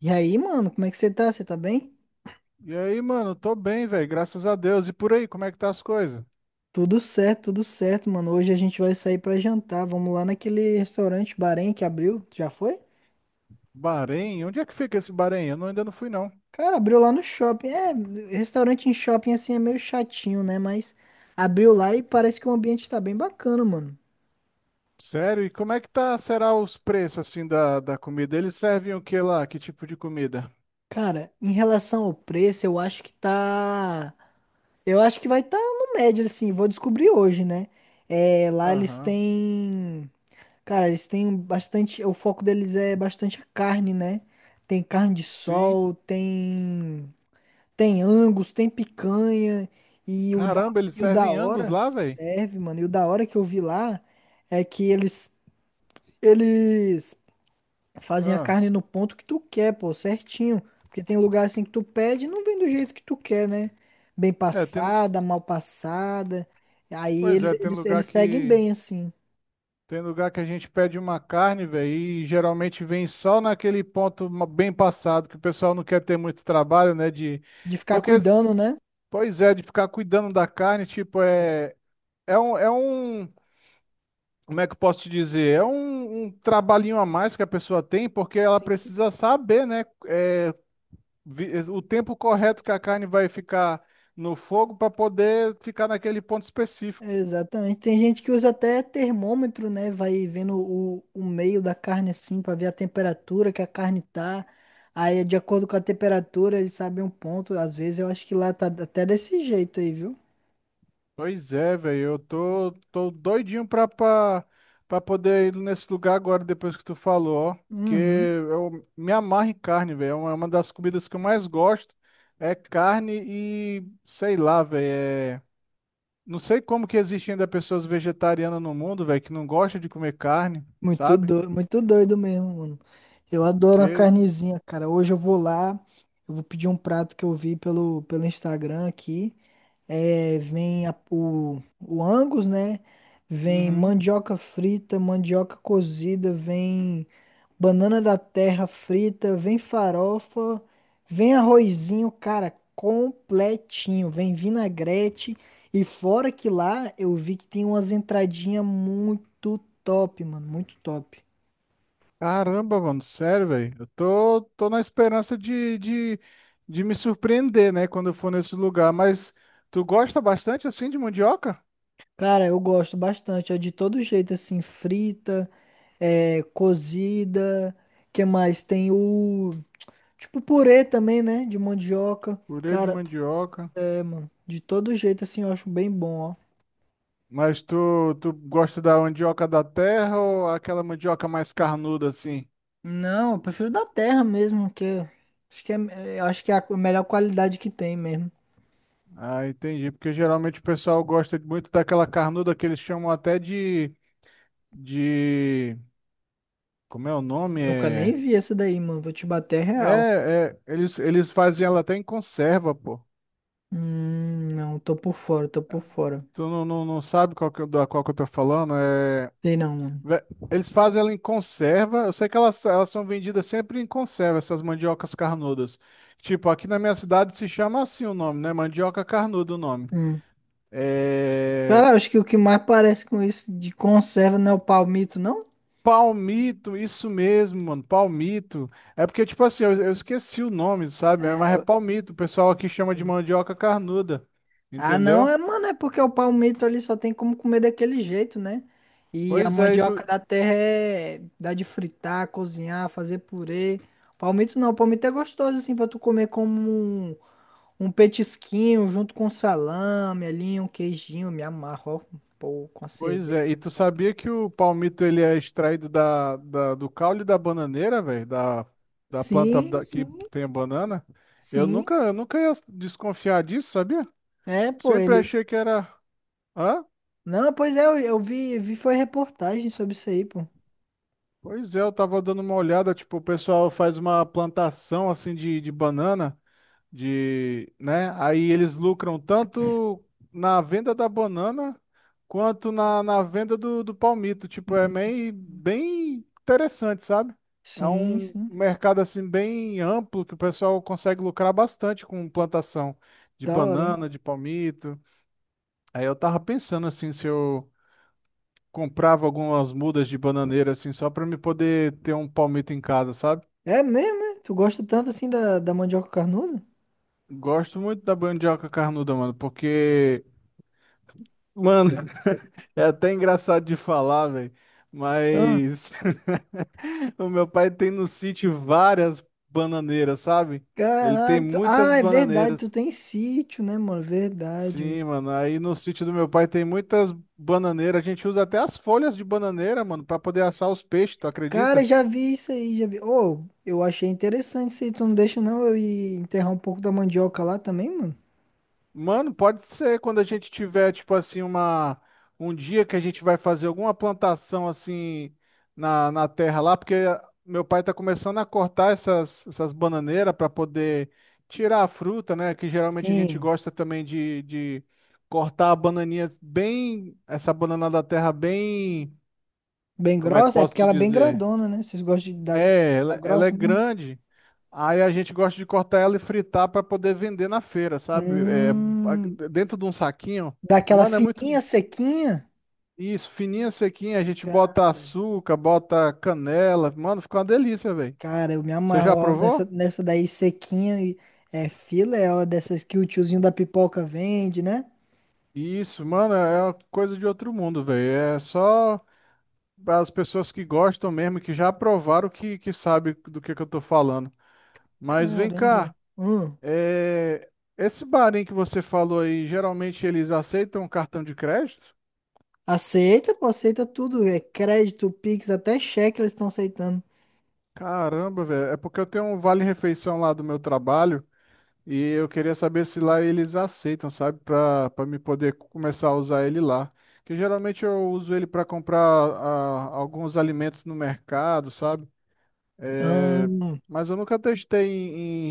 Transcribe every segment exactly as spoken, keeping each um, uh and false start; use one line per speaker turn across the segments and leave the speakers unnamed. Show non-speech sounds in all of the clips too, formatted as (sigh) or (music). E aí, mano, como é que você tá? Você tá bem?
E aí, mano, tô bem, velho, graças a Deus. E por aí, como é que tá as coisas?
Tudo certo, tudo certo, mano. Hoje a gente vai sair pra jantar. Vamos lá naquele restaurante Bahrein que abriu. Tu já foi?
Bahrein? Onde é que fica esse Bahrein? Eu não- Ainda não fui, não.
Cara, abriu lá no shopping. É, restaurante em shopping assim é meio chatinho, né? Mas abriu lá e parece que o ambiente tá bem bacana, mano.
Sério? E como é que tá, será os preços, assim, da, da comida? Eles servem o que lá? Que tipo de comida?
Cara, em relação ao preço, eu acho que tá. Eu acho que vai tá no médio, assim. Vou descobrir hoje, né? É, lá eles
Aham,
têm. Cara, eles têm bastante. O foco deles é bastante a carne, né? Tem carne de
sim.
sol, tem. Tem Angus, tem picanha. E o da,
Caramba, eles
e o da
servem Angus
hora,
lá, velho?
serve, mano. E o da hora que eu vi lá é que eles, eles fazem a
Ah,
carne no ponto que tu quer, pô, certinho. Porque tem lugar assim que tu pede e não vem do jeito que tu quer, né? Bem
é, tem...
passada, mal passada. Aí
Pois
eles,
é, tem
eles,
lugar
eles seguem
que...
bem, assim.
Tem lugar que a gente pede uma carne, velho, e geralmente vem só naquele ponto ma- bem passado, que o pessoal não quer ter muito trabalho, né, de...
De ficar
Porque...
cuidando, né?
Pois é, de ficar cuidando da carne, tipo, é, é um, é um, como é que eu posso te dizer? É um, um trabalhinho a mais que a pessoa tem, porque ela
Sim.
precisa saber, né, é, vi- é, o tempo correto que a carne vai ficar no fogo para poder ficar naquele ponto específico.
Exatamente. Tem gente que usa até termômetro, né? Vai vendo o, o meio da carne assim para ver a temperatura que a carne tá. Aí, de acordo com a temperatura, ele sabe um ponto. Às vezes eu acho que lá tá até desse jeito aí, viu?
Pois é, velho, eu tô, tô doidinho pra, pra, pra poder ir nesse lugar agora, depois que tu falou, ó. Porque
Uhum.
eu me amarro em carne, velho. É uma é uma das comidas que eu mais gosto. É carne e, sei lá, velho. é- Não sei como que existe ainda pessoas vegetarianas no mundo, velho, que não gostam de comer carne,
Muito
sabe?
doido, muito doido mesmo, mano. Eu adoro uma
Porque,
carnezinha, cara. Hoje eu vou lá, eu vou pedir um prato que eu vi pelo, pelo Instagram aqui. É, vem a- o, o Angus, né? Vem
uhum.
mandioca frita, mandioca cozida, vem banana da terra frita, vem farofa, vem arrozinho, cara, completinho. Vem vinagrete. E fora que lá eu vi que tem umas entradinhas muito top, mano, muito top.
Caramba, mano, sério, velho. Eu tô, tô na esperança de, de, de me surpreender, né, quando eu for nesse lugar. Mas tu gosta bastante assim de mandioca?
Cara, eu gosto bastante. É de todo jeito, assim, frita, é, cozida. Que mais? Tem o. Tipo purê também, né? De mandioca.
Purê de
Cara,
mandioca.
é, mano. De todo jeito, assim, eu acho bem bom, ó.
Mas tu, tu gosta da mandioca da terra ou aquela mandioca mais carnuda assim?
Não, eu prefiro da terra mesmo, que é- acho que é, é, acho que é a melhor qualidade que tem mesmo.
Ah, entendi. Porque geralmente o pessoal gosta muito daquela carnuda que eles chamam até de, de... Como é o nome?
Nunca nem
É,
vi essa daí, mano. Vou te bater real.
é, é eles, eles fazem ela até em conserva, pô.
Hum, não, tô por fora, tô por fora.
Tu não, não, não sabe qual que, eu- da qual que eu tô falando? É,
Sei não, mano.
ve- Eles fazem ela em conserva. Eu sei que elas, elas são vendidas sempre em conserva, essas mandiocas carnudas. Tipo, aqui na minha cidade se chama assim o nome, né? Mandioca carnuda o nome.
Hum.
É,
Cara, acho que o que mais parece com isso de conserva não é o palmito, não?
palmito, isso mesmo, mano. Palmito. É porque, tipo assim, eu, eu esqueci o nome, sabe? Mas é
É.
palmito. O pessoal aqui chama de mandioca carnuda.
Ah, não,
Entendeu?
é, mano, é porque o palmito ali só tem como comer daquele jeito, né? E a
Pois é, e tu,
mandioca da terra é dá de fritar, cozinhar, fazer purê. Palmito não, palmito é gostoso assim pra tu comer como um, um petisquinho junto com salame ali, um queijinho, me amarro, ó, pô, com a
Pois
cerveja.
é, e tu sabia que o palmito ele é extraído da, da- do caule da bananeira, velho, da, da planta
Sim,
da- que
sim,
tem a banana? Eu
sim.
nunca, eu nunca ia desconfiar disso, sabia?
É, pô,
Sempre
ele.
achei que era. Hã?
Não, pois é, eu, eu vi, vi foi reportagem sobre isso aí, pô.
Pois é, eu tava dando uma olhada, tipo, o pessoal faz uma plantação assim de, de banana. De, né? Aí eles lucram tanto na venda da banana quanto na, na venda do, do palmito. Tipo, é
Hum,
meio bem interessante, sabe? É
Sim,
um
sim.
mercado assim bem amplo que o pessoal consegue lucrar bastante com plantação de
Da hora, hein?
banana, de palmito. Aí eu tava pensando assim se eu comprava algumas mudas de bananeira assim só para me poder ter um palmito em casa, sabe?
É mesmo, é? Tu gosta tanto assim da, da mandioca carnuda?
Gosto muito da mandioca carnuda, mano, porque mano, (laughs) é até engraçado de falar, velho,
Ah.
mas (laughs) o meu pai tem no sítio várias bananeiras, sabe? Ele tem
Caralho. Tu-
muitas
ah, é verdade. Tu
bananeiras.
tem sítio, né, mano? Verdade,
Sim,
mano.
mano, aí no sítio do meu pai tem muitas bananeiras. A gente usa até as folhas de bananeira, mano, pra poder assar os peixes, tu
Cara,
acredita?
já vi isso aí, já vi. Ô, eu achei interessante isso aí. Tu não deixa, não, eu ir enterrar um pouco da mandioca lá também, mano?
Mano, pode ser quando a gente tiver, tipo assim, uma, um dia que a gente vai fazer alguma plantação assim na, na terra lá, porque meu pai tá começando a cortar essas, essas bananeiras para poder tirar a fruta, né? Que geralmente a gente
Sim.
gosta também de, de cortar a bananinha bem, essa banana da terra bem,
Bem
como é que eu
grossa? É
posso
porque
te
ela é bem
dizer?
grandona, né? Vocês gostam de dar,
É,
dar
ela, ela é
grossa mesmo?
grande. Aí a gente gosta de cortar ela e fritar para poder vender na feira, sabe? É, a-
Hum.
dentro de um saquinho.
Daquela
Mano, é muito
fininha, sequinha?
isso, fininha, sequinha. A gente bota
Cara.
açúcar, bota canela. Mano, fica uma delícia, velho.
Cara, eu me
Você
amarro
já
ó, nessa,
provou?
nessa daí sequinha e é filé, ó, dessas que o tiozinho da pipoca vende, né?
Isso, mano, é uma coisa de outro mundo, velho. É só as pessoas que gostam mesmo, que já provaram, que, que sabe do que, que eu tô falando. Mas vem
Caramba.
cá,
Hum.
é, esse barinho que você falou aí, geralmente eles aceitam cartão de crédito?
Aceita, pô, aceita tudo. É crédito, Pix, até cheque eles estão aceitando.
Caramba, velho. É porque eu tenho um vale-refeição lá do meu trabalho e eu queria saber se lá eles aceitam, sabe? Pra, pra me poder começar a usar ele lá. Que geralmente eu uso ele pra comprar ah, alguns alimentos no mercado, sabe?
Ah,
É, mas eu nunca testei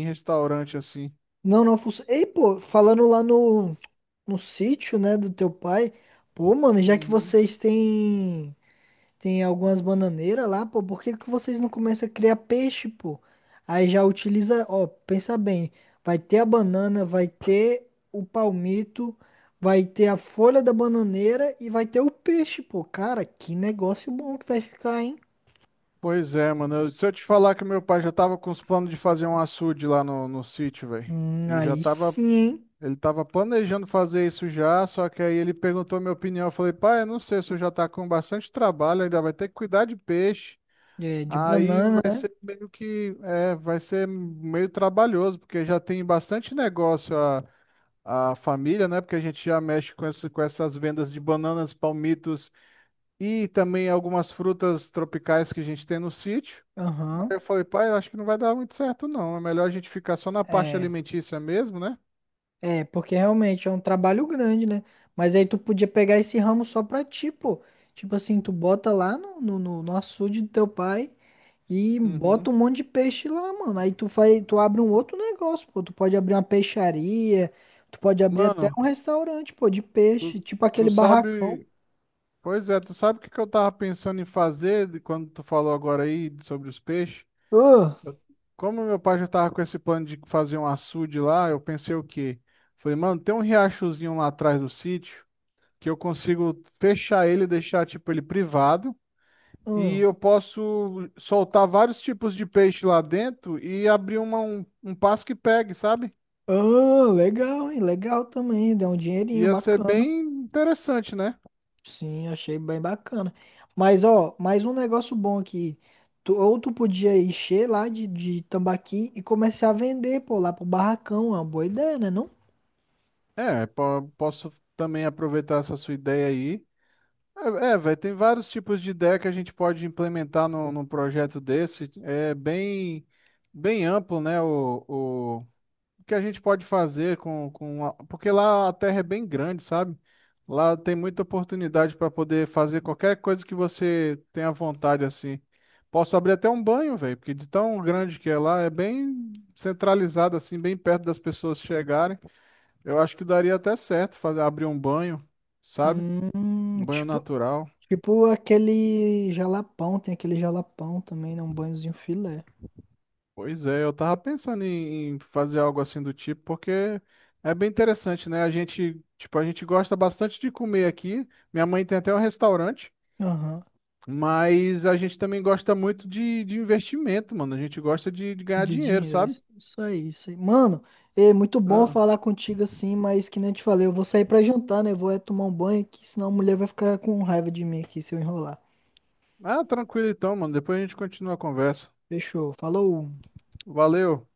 em, em restaurante assim.
não, não funciona. Ei, pô, falando lá no, no sítio, né, do teu pai, pô, mano, já que
Uhum.
vocês têm. Tem algumas bananeiras lá, pô. Por que que vocês não começam a criar peixe, pô? Aí já utiliza, ó, pensa bem. Vai ter a banana, vai ter o palmito, vai ter a folha da bananeira e vai ter o peixe, pô. Cara, que negócio bom que vai ficar, hein?
Pois é, mano. Eu- Se eu te falar que meu pai já tava com os planos de fazer um açude lá no, no sítio, velho.
Hum,
Ele já
aí
tava
sim, hein?
Ele estava planejando fazer isso já, só que aí ele perguntou minha opinião. Eu falei, pai, eu não sei, se eu já está com bastante trabalho, ainda vai ter que cuidar de peixe.
É, de
Aí
banana,
vai
né?
ser meio que, é, vai ser meio trabalhoso, porque já tem bastante negócio a, a família, né? Porque a gente já mexe com, esse, com essas vendas de bananas, palmitos e também algumas frutas tropicais que a gente tem no sítio. Aí
Aham.
eu falei, pai, eu acho que não vai dar muito certo, não. É melhor a gente ficar só na parte
É.
alimentícia mesmo, né?
É, porque realmente é um trabalho grande, né? Mas aí tu podia pegar esse ramo só pra ti, pô. Tipo assim, tu bota lá no, no, no no açude do teu pai e
Uhum.
bota um monte de peixe lá, mano. Aí tu faz, tu abre um outro negócio, pô. Tu pode abrir uma peixaria, tu pode abrir até
Mano,
um restaurante, pô, de peixe,
Tu,
tipo aquele
tu
barracão.
sabe, pois é, tu sabe o que que eu tava pensando em fazer de quando tu falou agora aí sobre os peixes?
Ah,
Eu- Como meu pai já tava com esse plano de fazer um açude lá, eu pensei o quê? Falei, mano, tem um riachozinho lá atrás do sítio que eu consigo fechar ele, deixar tipo ele privado e
ah,
eu posso soltar vários tipos de peixe lá dentro e abrir uma, um, um passo que pegue, sabe?
ah, legal, hein? Legal também, dá um dinheirinho
Ia ser
bacana.
bem interessante, né?
Sim, achei bem bacana. Mas, ó, mais um negócio bom aqui. Tu- ou tu podia encher lá de, de tambaqui e começar a vender, pô, lá pro barracão. É uma boa ideia, né, não?
É, po- posso também aproveitar essa sua ideia aí. É, é, velho, tem vários tipos de ideia que a gente pode implementar no num projeto desse. É bem, bem amplo, né? O, o, o que a gente pode fazer com, com a- porque lá a terra é bem grande, sabe? Lá tem muita oportunidade para poder fazer qualquer coisa que você tenha vontade, assim. Posso abrir até um banho, velho, porque de tão grande que é lá, é bem centralizado, assim, bem perto das pessoas chegarem. Eu acho que daria até certo fazer abrir um banho, sabe? Um
Hum,
banho
tipo,
natural.
tipo aquele jalapão, tem aquele jalapão também, né? Um banhozinho filé.
Pois é, eu tava pensando em em fazer algo assim do tipo, porque é bem interessante, né? A gente, tipo, a gente gosta bastante de comer aqui. Minha mãe tem até um restaurante,
Aham.
mas a gente também gosta muito de, de investimento, mano. A gente gosta de, de ganhar
De
dinheiro,
dinheiro,
sabe?
isso, isso aí, isso aí. Mano, é muito bom
Ah,
falar contigo assim, mas que nem eu te falei, eu vou sair pra jantar, né? Eu vou é tomar um banho aqui, senão a mulher vai ficar com raiva de mim aqui se eu enrolar.
ah, tranquilo então, mano. Depois a gente continua a conversa.
Fechou, falou.
Valeu!